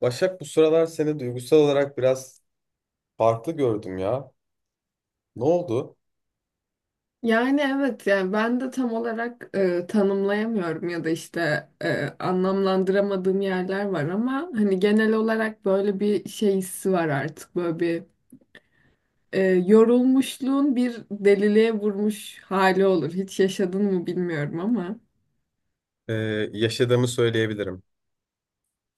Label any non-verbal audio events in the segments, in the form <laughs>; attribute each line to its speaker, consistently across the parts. Speaker 1: Başak, bu sıralar seni duygusal olarak biraz farklı gördüm ya. Ne oldu?
Speaker 2: Yani evet yani ben de tam olarak tanımlayamıyorum ya da işte anlamlandıramadığım yerler var ama hani genel olarak böyle bir şey hissi var artık böyle bir yorulmuşluğun bir deliliğe vurmuş hali olur. Hiç yaşadın mı bilmiyorum ama.
Speaker 1: Ee, Yaşadığımı söyleyebilirim.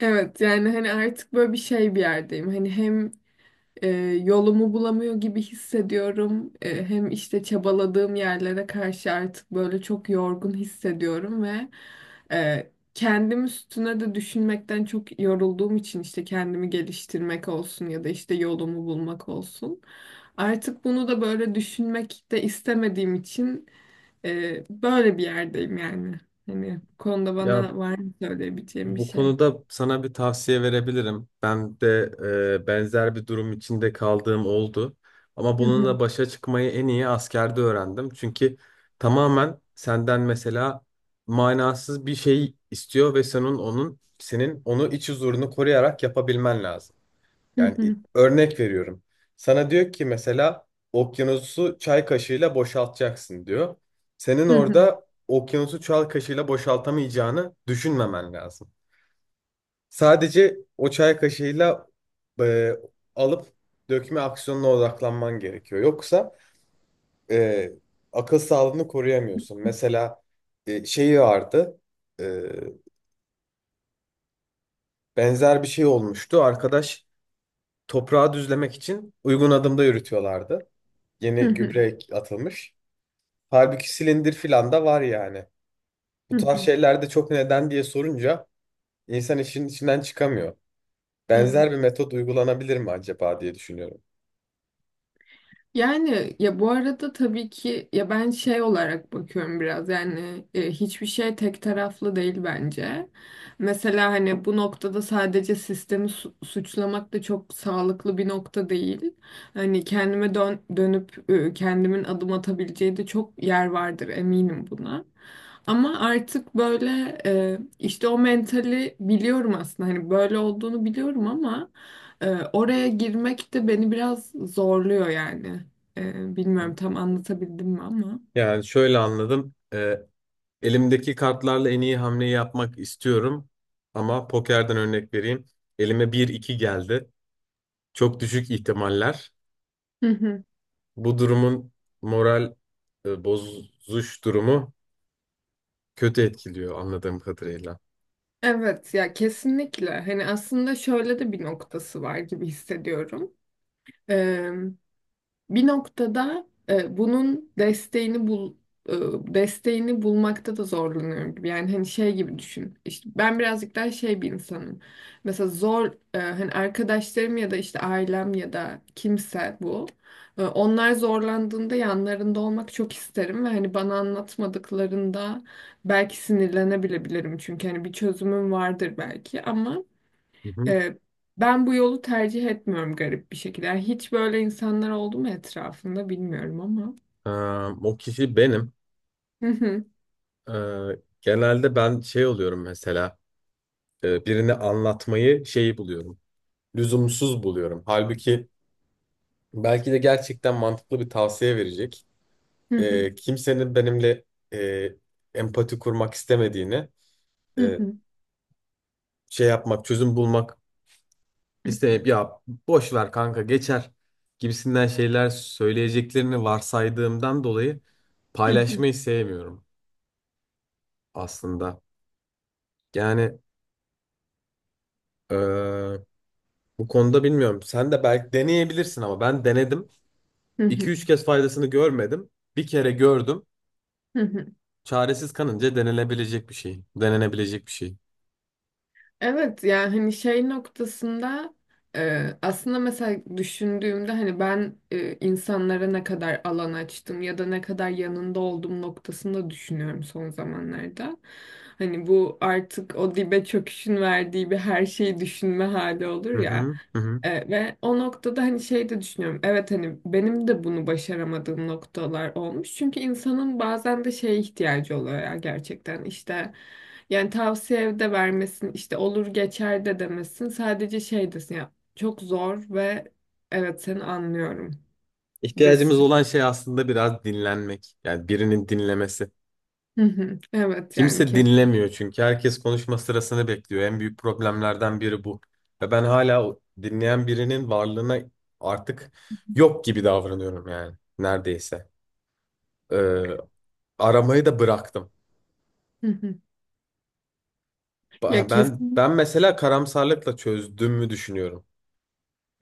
Speaker 2: Evet yani hani artık böyle bir şey bir yerdeyim. Hani hem e, yolumu bulamıyor gibi hissediyorum. Hem işte çabaladığım yerlere karşı artık böyle çok yorgun hissediyorum ve kendim üstüne de düşünmekten çok yorulduğum için işte kendimi geliştirmek olsun ya da işte yolumu bulmak olsun. Artık bunu da böyle düşünmek de istemediğim için böyle bir yerdeyim yani. Hani bu konuda
Speaker 1: Ya
Speaker 2: bana var mı söyleyebileceğim bir
Speaker 1: bu
Speaker 2: şey?
Speaker 1: konuda sana bir tavsiye verebilirim. Ben de benzer bir durum içinde kaldığım oldu. Ama
Speaker 2: Hı hı,
Speaker 1: bununla başa çıkmayı en iyi askerde öğrendim. Çünkü tamamen senden mesela manasız bir şey istiyor ve senin onun senin onu iç huzurunu koruyarak yapabilmen lazım.
Speaker 2: hı
Speaker 1: Yani
Speaker 2: hı,
Speaker 1: örnek veriyorum. Sana diyor ki mesela okyanusu çay kaşığıyla boşaltacaksın diyor. Senin
Speaker 2: hı hı,
Speaker 1: orada okyanusu çay kaşığıyla boşaltamayacağını düşünmemen lazım. Sadece o çay kaşığıyla e, alıp dökme aksiyonuna odaklanman gerekiyor. Yoksa e, akıl sağlığını koruyamıyorsun. Mesela şeyi vardı. e, Benzer bir şey olmuştu. Arkadaş toprağı düzlemek için uygun adımda yürütüyorlardı.
Speaker 2: hı
Speaker 1: Yeni
Speaker 2: hı,
Speaker 1: gübre atılmış. Halbuki silindir filan da var yani. Bu
Speaker 2: hı
Speaker 1: tarz
Speaker 2: hı.
Speaker 1: şeylerde çok neden diye sorunca insan işin içinden çıkamıyor. Benzer bir
Speaker 2: Evet.
Speaker 1: metot uygulanabilir mi acaba diye düşünüyorum.
Speaker 2: Yani ya bu arada tabii ki ya ben şey olarak bakıyorum biraz yani hiçbir şey tek taraflı değil bence. Mesela hani bu noktada sadece sistemi suçlamak da çok sağlıklı bir nokta değil. Hani kendime dönüp kendimin adım atabileceği de çok yer vardır eminim buna. Ama artık böyle işte o mentali biliyorum aslında hani böyle olduğunu biliyorum ama ee, oraya girmek de beni biraz zorluyor yani. Bilmiyorum tam anlatabildim mi ama.
Speaker 1: Yani şöyle anladım. Elimdeki kartlarla en iyi hamleyi yapmak istiyorum. Ama pokerden örnek vereyim. Elime bir iki geldi. Çok düşük ihtimaller.
Speaker 2: Hı hı.
Speaker 1: Bu durumun moral bozuş durumu kötü etkiliyor anladığım kadarıyla.
Speaker 2: Evet ya kesinlikle. Hani aslında şöyle de bir noktası var gibi hissediyorum. Bir noktada bunun desteğini e, bulmakta da zorlanıyorum gibi. Yani hani şey gibi düşün. İşte ben birazcık daha şey bir insanım. Mesela hani arkadaşlarım ya da işte ailem ya da kimse bu. Onlar zorlandığında yanlarında olmak çok isterim ve hani bana anlatmadıklarında belki sinirlenebilebilirim. Çünkü hani bir çözümüm vardır belki ama
Speaker 1: Hı hı.
Speaker 2: ee, ben bu yolu tercih etmiyorum garip bir şekilde. Yani hiç böyle insanlar oldu mu etrafında bilmiyorum ama.
Speaker 1: Ee, O kişi benim. Ee, Genelde ben şey oluyorum, mesela birini anlatmayı şeyi buluyorum. Lüzumsuz buluyorum. Halbuki belki de gerçekten mantıklı bir tavsiye verecek. Kimsenin benimle e, empati kurmak istemediğini, e, şey yapmak, çözüm bulmak İsteyip ya boş ver kanka geçer gibisinden şeyler söyleyeceklerini varsaydığımdan dolayı paylaşmayı sevmiyorum aslında. Yani eee, bu konuda bilmiyorum. Sen de belki deneyebilirsin ama ben denedim. İki üç kez faydasını görmedim. Bir kere gördüm.
Speaker 2: <laughs>
Speaker 1: Çaresiz kanınca denenebilecek bir şey. Denenebilecek bir şey.
Speaker 2: Evet yani hani şey noktasında aslında mesela düşündüğümde hani ben insanlara ne kadar alan açtım ya da ne kadar yanında olduğum noktasında düşünüyorum son zamanlarda. Hani bu artık o dibe çöküşün verdiği bir her şeyi düşünme hali olur
Speaker 1: Hı
Speaker 2: ya.
Speaker 1: hı, hı hı.
Speaker 2: Ve o noktada hani şey de düşünüyorum. Evet hani benim de bunu başaramadığım noktalar olmuş. Çünkü insanın bazen de şeye ihtiyacı oluyor ya gerçekten işte. Yani tavsiye de vermesin, işte olur geçer de demesin. Sadece şey desin ya, çok zor ve evet seni anlıyorum
Speaker 1: İhtiyacımız
Speaker 2: desin.
Speaker 1: olan şey aslında biraz dinlenmek. Yani birinin dinlemesi.
Speaker 2: Hı hı. Evet yani
Speaker 1: Kimse
Speaker 2: kesin.
Speaker 1: dinlemiyor çünkü herkes konuşma sırasını bekliyor. En büyük problemlerden biri bu. Ve ben hala o dinleyen birinin varlığına artık yok gibi davranıyorum yani neredeyse. Ee, Aramayı da bıraktım.
Speaker 2: Hı hı. Ya
Speaker 1: Ben
Speaker 2: kesin.
Speaker 1: ben mesela karamsarlıkla çözdüğümü düşünüyorum.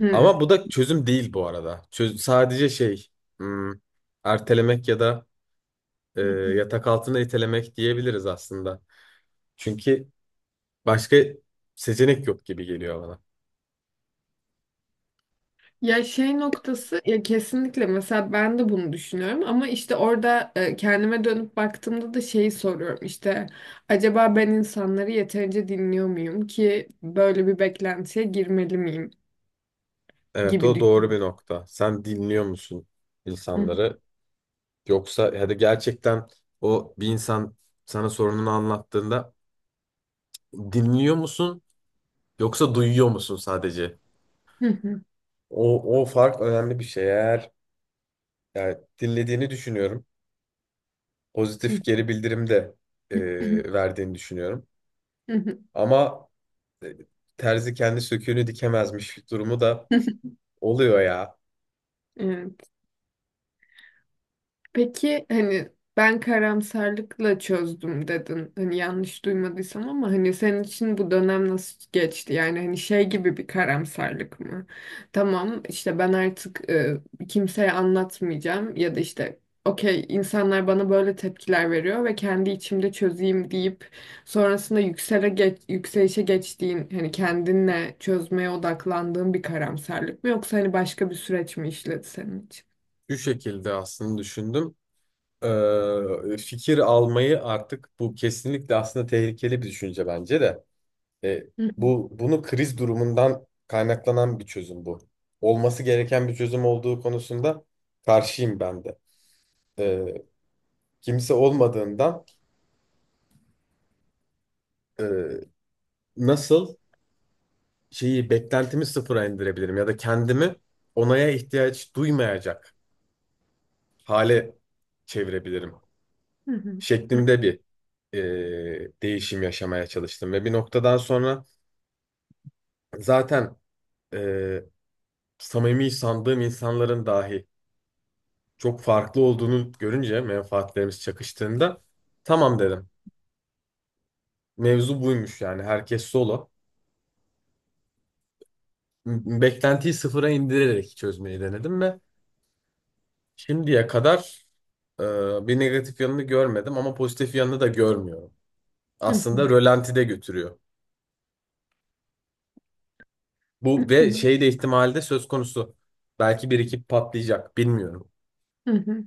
Speaker 2: Hı
Speaker 1: Ama bu da çözüm değil bu arada. Sadece şey, hmm, ertelemek ya da e,
Speaker 2: hı. Hı.
Speaker 1: yatak altına itelemek diyebiliriz aslında. Çünkü başka seçenek yok gibi geliyor bana.
Speaker 2: Ya şey noktası ya kesinlikle mesela ben de bunu düşünüyorum ama işte orada kendime dönüp baktığımda da şeyi soruyorum işte acaba ben insanları yeterince dinliyor muyum ki böyle bir beklentiye girmeli miyim
Speaker 1: Evet,
Speaker 2: gibi
Speaker 1: o doğru bir
Speaker 2: düşünüyorum.
Speaker 1: nokta. Sen dinliyor musun
Speaker 2: Hı
Speaker 1: insanları? Yoksa hadi gerçekten o bir insan sana sorununu anlattığında dinliyor musun yoksa duyuyor musun sadece?
Speaker 2: hı.
Speaker 1: O fark önemli bir şey. Eğer yani dinlediğini düşünüyorum.
Speaker 2: Hı
Speaker 1: Pozitif
Speaker 2: hı.
Speaker 1: geri bildirim de verdiğini düşünüyorum.
Speaker 2: Hı hı.
Speaker 1: Ama e, terzi kendi söküğünü dikemezmiş durumu da oluyor ya.
Speaker 2: Evet. Peki hani ben karamsarlıkla çözdüm dedin. Hani yanlış duymadıysam ama hani senin için bu dönem nasıl geçti? Yani hani şey gibi bir karamsarlık mı? Tamam işte ben artık kimseye anlatmayacağım ya da işte okey insanlar bana böyle tepkiler veriyor ve kendi içimde çözeyim deyip sonrasında yükselişe geçtiğin hani kendinle çözmeye odaklandığın bir karamsarlık mı yoksa hani başka bir süreç mi işledi senin için?
Speaker 1: Şu şekilde aslında düşündüm. Fikir almayı artık bu kesinlikle aslında tehlikeli bir düşünce bence de. E, bunu kriz durumundan kaynaklanan bir çözüm bu. Olması gereken bir çözüm olduğu konusunda karşıyım ben de. E, Kimse olmadığından e, nasıl şeyi beklentimi sıfıra indirebilirim ya da kendimi onaya ihtiyaç duymayacak hale çevirebilirim
Speaker 2: Hı hı.
Speaker 1: şeklinde bir değişim yaşamaya çalıştım ve bir noktadan sonra zaten e, samimi sandığım insanların dahi çok farklı olduğunu görünce menfaatlerimiz çakıştığında tamam dedim. Mevzu buymuş, yani herkes solo. Beklentiyi sıfıra indirerek çözmeyi denedim ve şimdiye kadar e, bir negatif yanını görmedim ama pozitif yanını da görmüyorum.
Speaker 2: Hı
Speaker 1: Aslında
Speaker 2: hı.
Speaker 1: rölantide götürüyor. Bu ve şey de ihtimali de söz konusu. Belki bir iki patlayacak, bilmiyorum.
Speaker 2: Hı hı.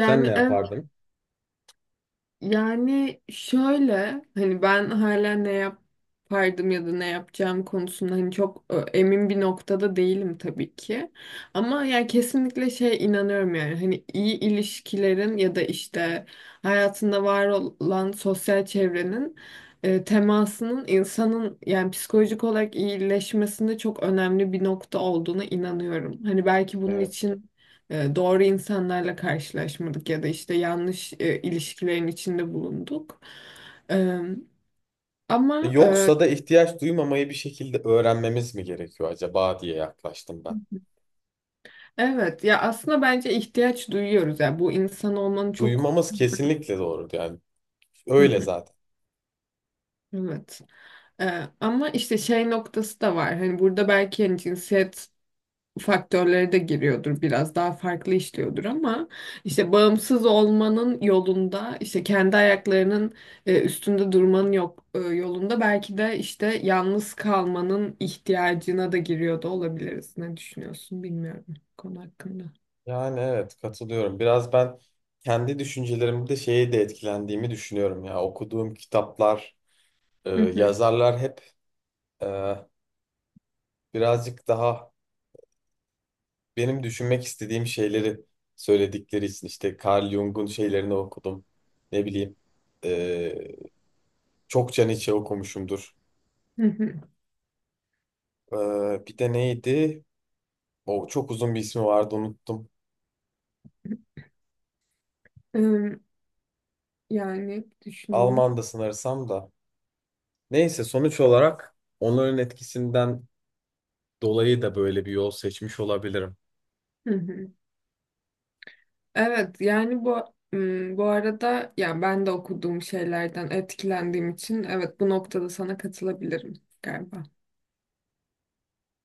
Speaker 1: Sen ne
Speaker 2: evet,
Speaker 1: yapardın?
Speaker 2: yani şöyle hani ben hala ne yapardım ya da ne yapacağım konusunda hani çok emin bir noktada değilim tabii ki. Ama yani kesinlikle şey inanıyorum yani hani iyi ilişkilerin ya da işte hayatında var olan sosyal çevrenin temasının insanın yani psikolojik olarak iyileşmesinde çok önemli bir nokta olduğuna inanıyorum. Hani belki bunun için doğru insanlarla karşılaşmadık ya da işte yanlış ilişkilerin içinde bulunduk. E, ama
Speaker 1: Yoksa da ihtiyaç duymamayı bir şekilde öğrenmemiz mi gerekiyor acaba diye yaklaştım ben.
Speaker 2: evet ya aslında bence ihtiyaç duyuyoruz ya bu insan olmanın çok.
Speaker 1: Duymamız kesinlikle doğru, yani
Speaker 2: Hı
Speaker 1: öyle
Speaker 2: hı.
Speaker 1: zaten.
Speaker 2: Evet. Ama işte şey noktası da var. Hani burada belki hani cinsiyet faktörleri de giriyordur biraz daha farklı işliyordur ama işte bağımsız olmanın yolunda işte kendi ayaklarının üstünde durmanın yok e, yolunda belki de işte yalnız kalmanın ihtiyacına da giriyor da olabiliriz. Ne düşünüyorsun bilmiyorum bu konu hakkında.
Speaker 1: Yani evet, katılıyorum. Biraz ben kendi düşüncelerimde şeye de etkilendiğimi düşünüyorum ya. Okuduğum kitaplar,
Speaker 2: Hı hı,
Speaker 1: yazarlar hep e, birazcık daha benim düşünmek istediğim şeyleri söyledikleri için, işte Carl Jung'un şeylerini okudum. Ne bileyim, e, çokça Nietzsche okumuşumdur.
Speaker 2: hı hı.
Speaker 1: E, Bir de neydi? O çok uzun bir ismi vardı, unuttum.
Speaker 2: Em, Yani düşünüyorum.
Speaker 1: Alman da sanırsam da. Neyse, sonuç olarak onların etkisinden dolayı da böyle bir yol seçmiş olabilirim.
Speaker 2: Hı hı. Evet yani bu arada yani ben de okuduğum şeylerden etkilendiğim için evet bu noktada sana katılabilirim galiba.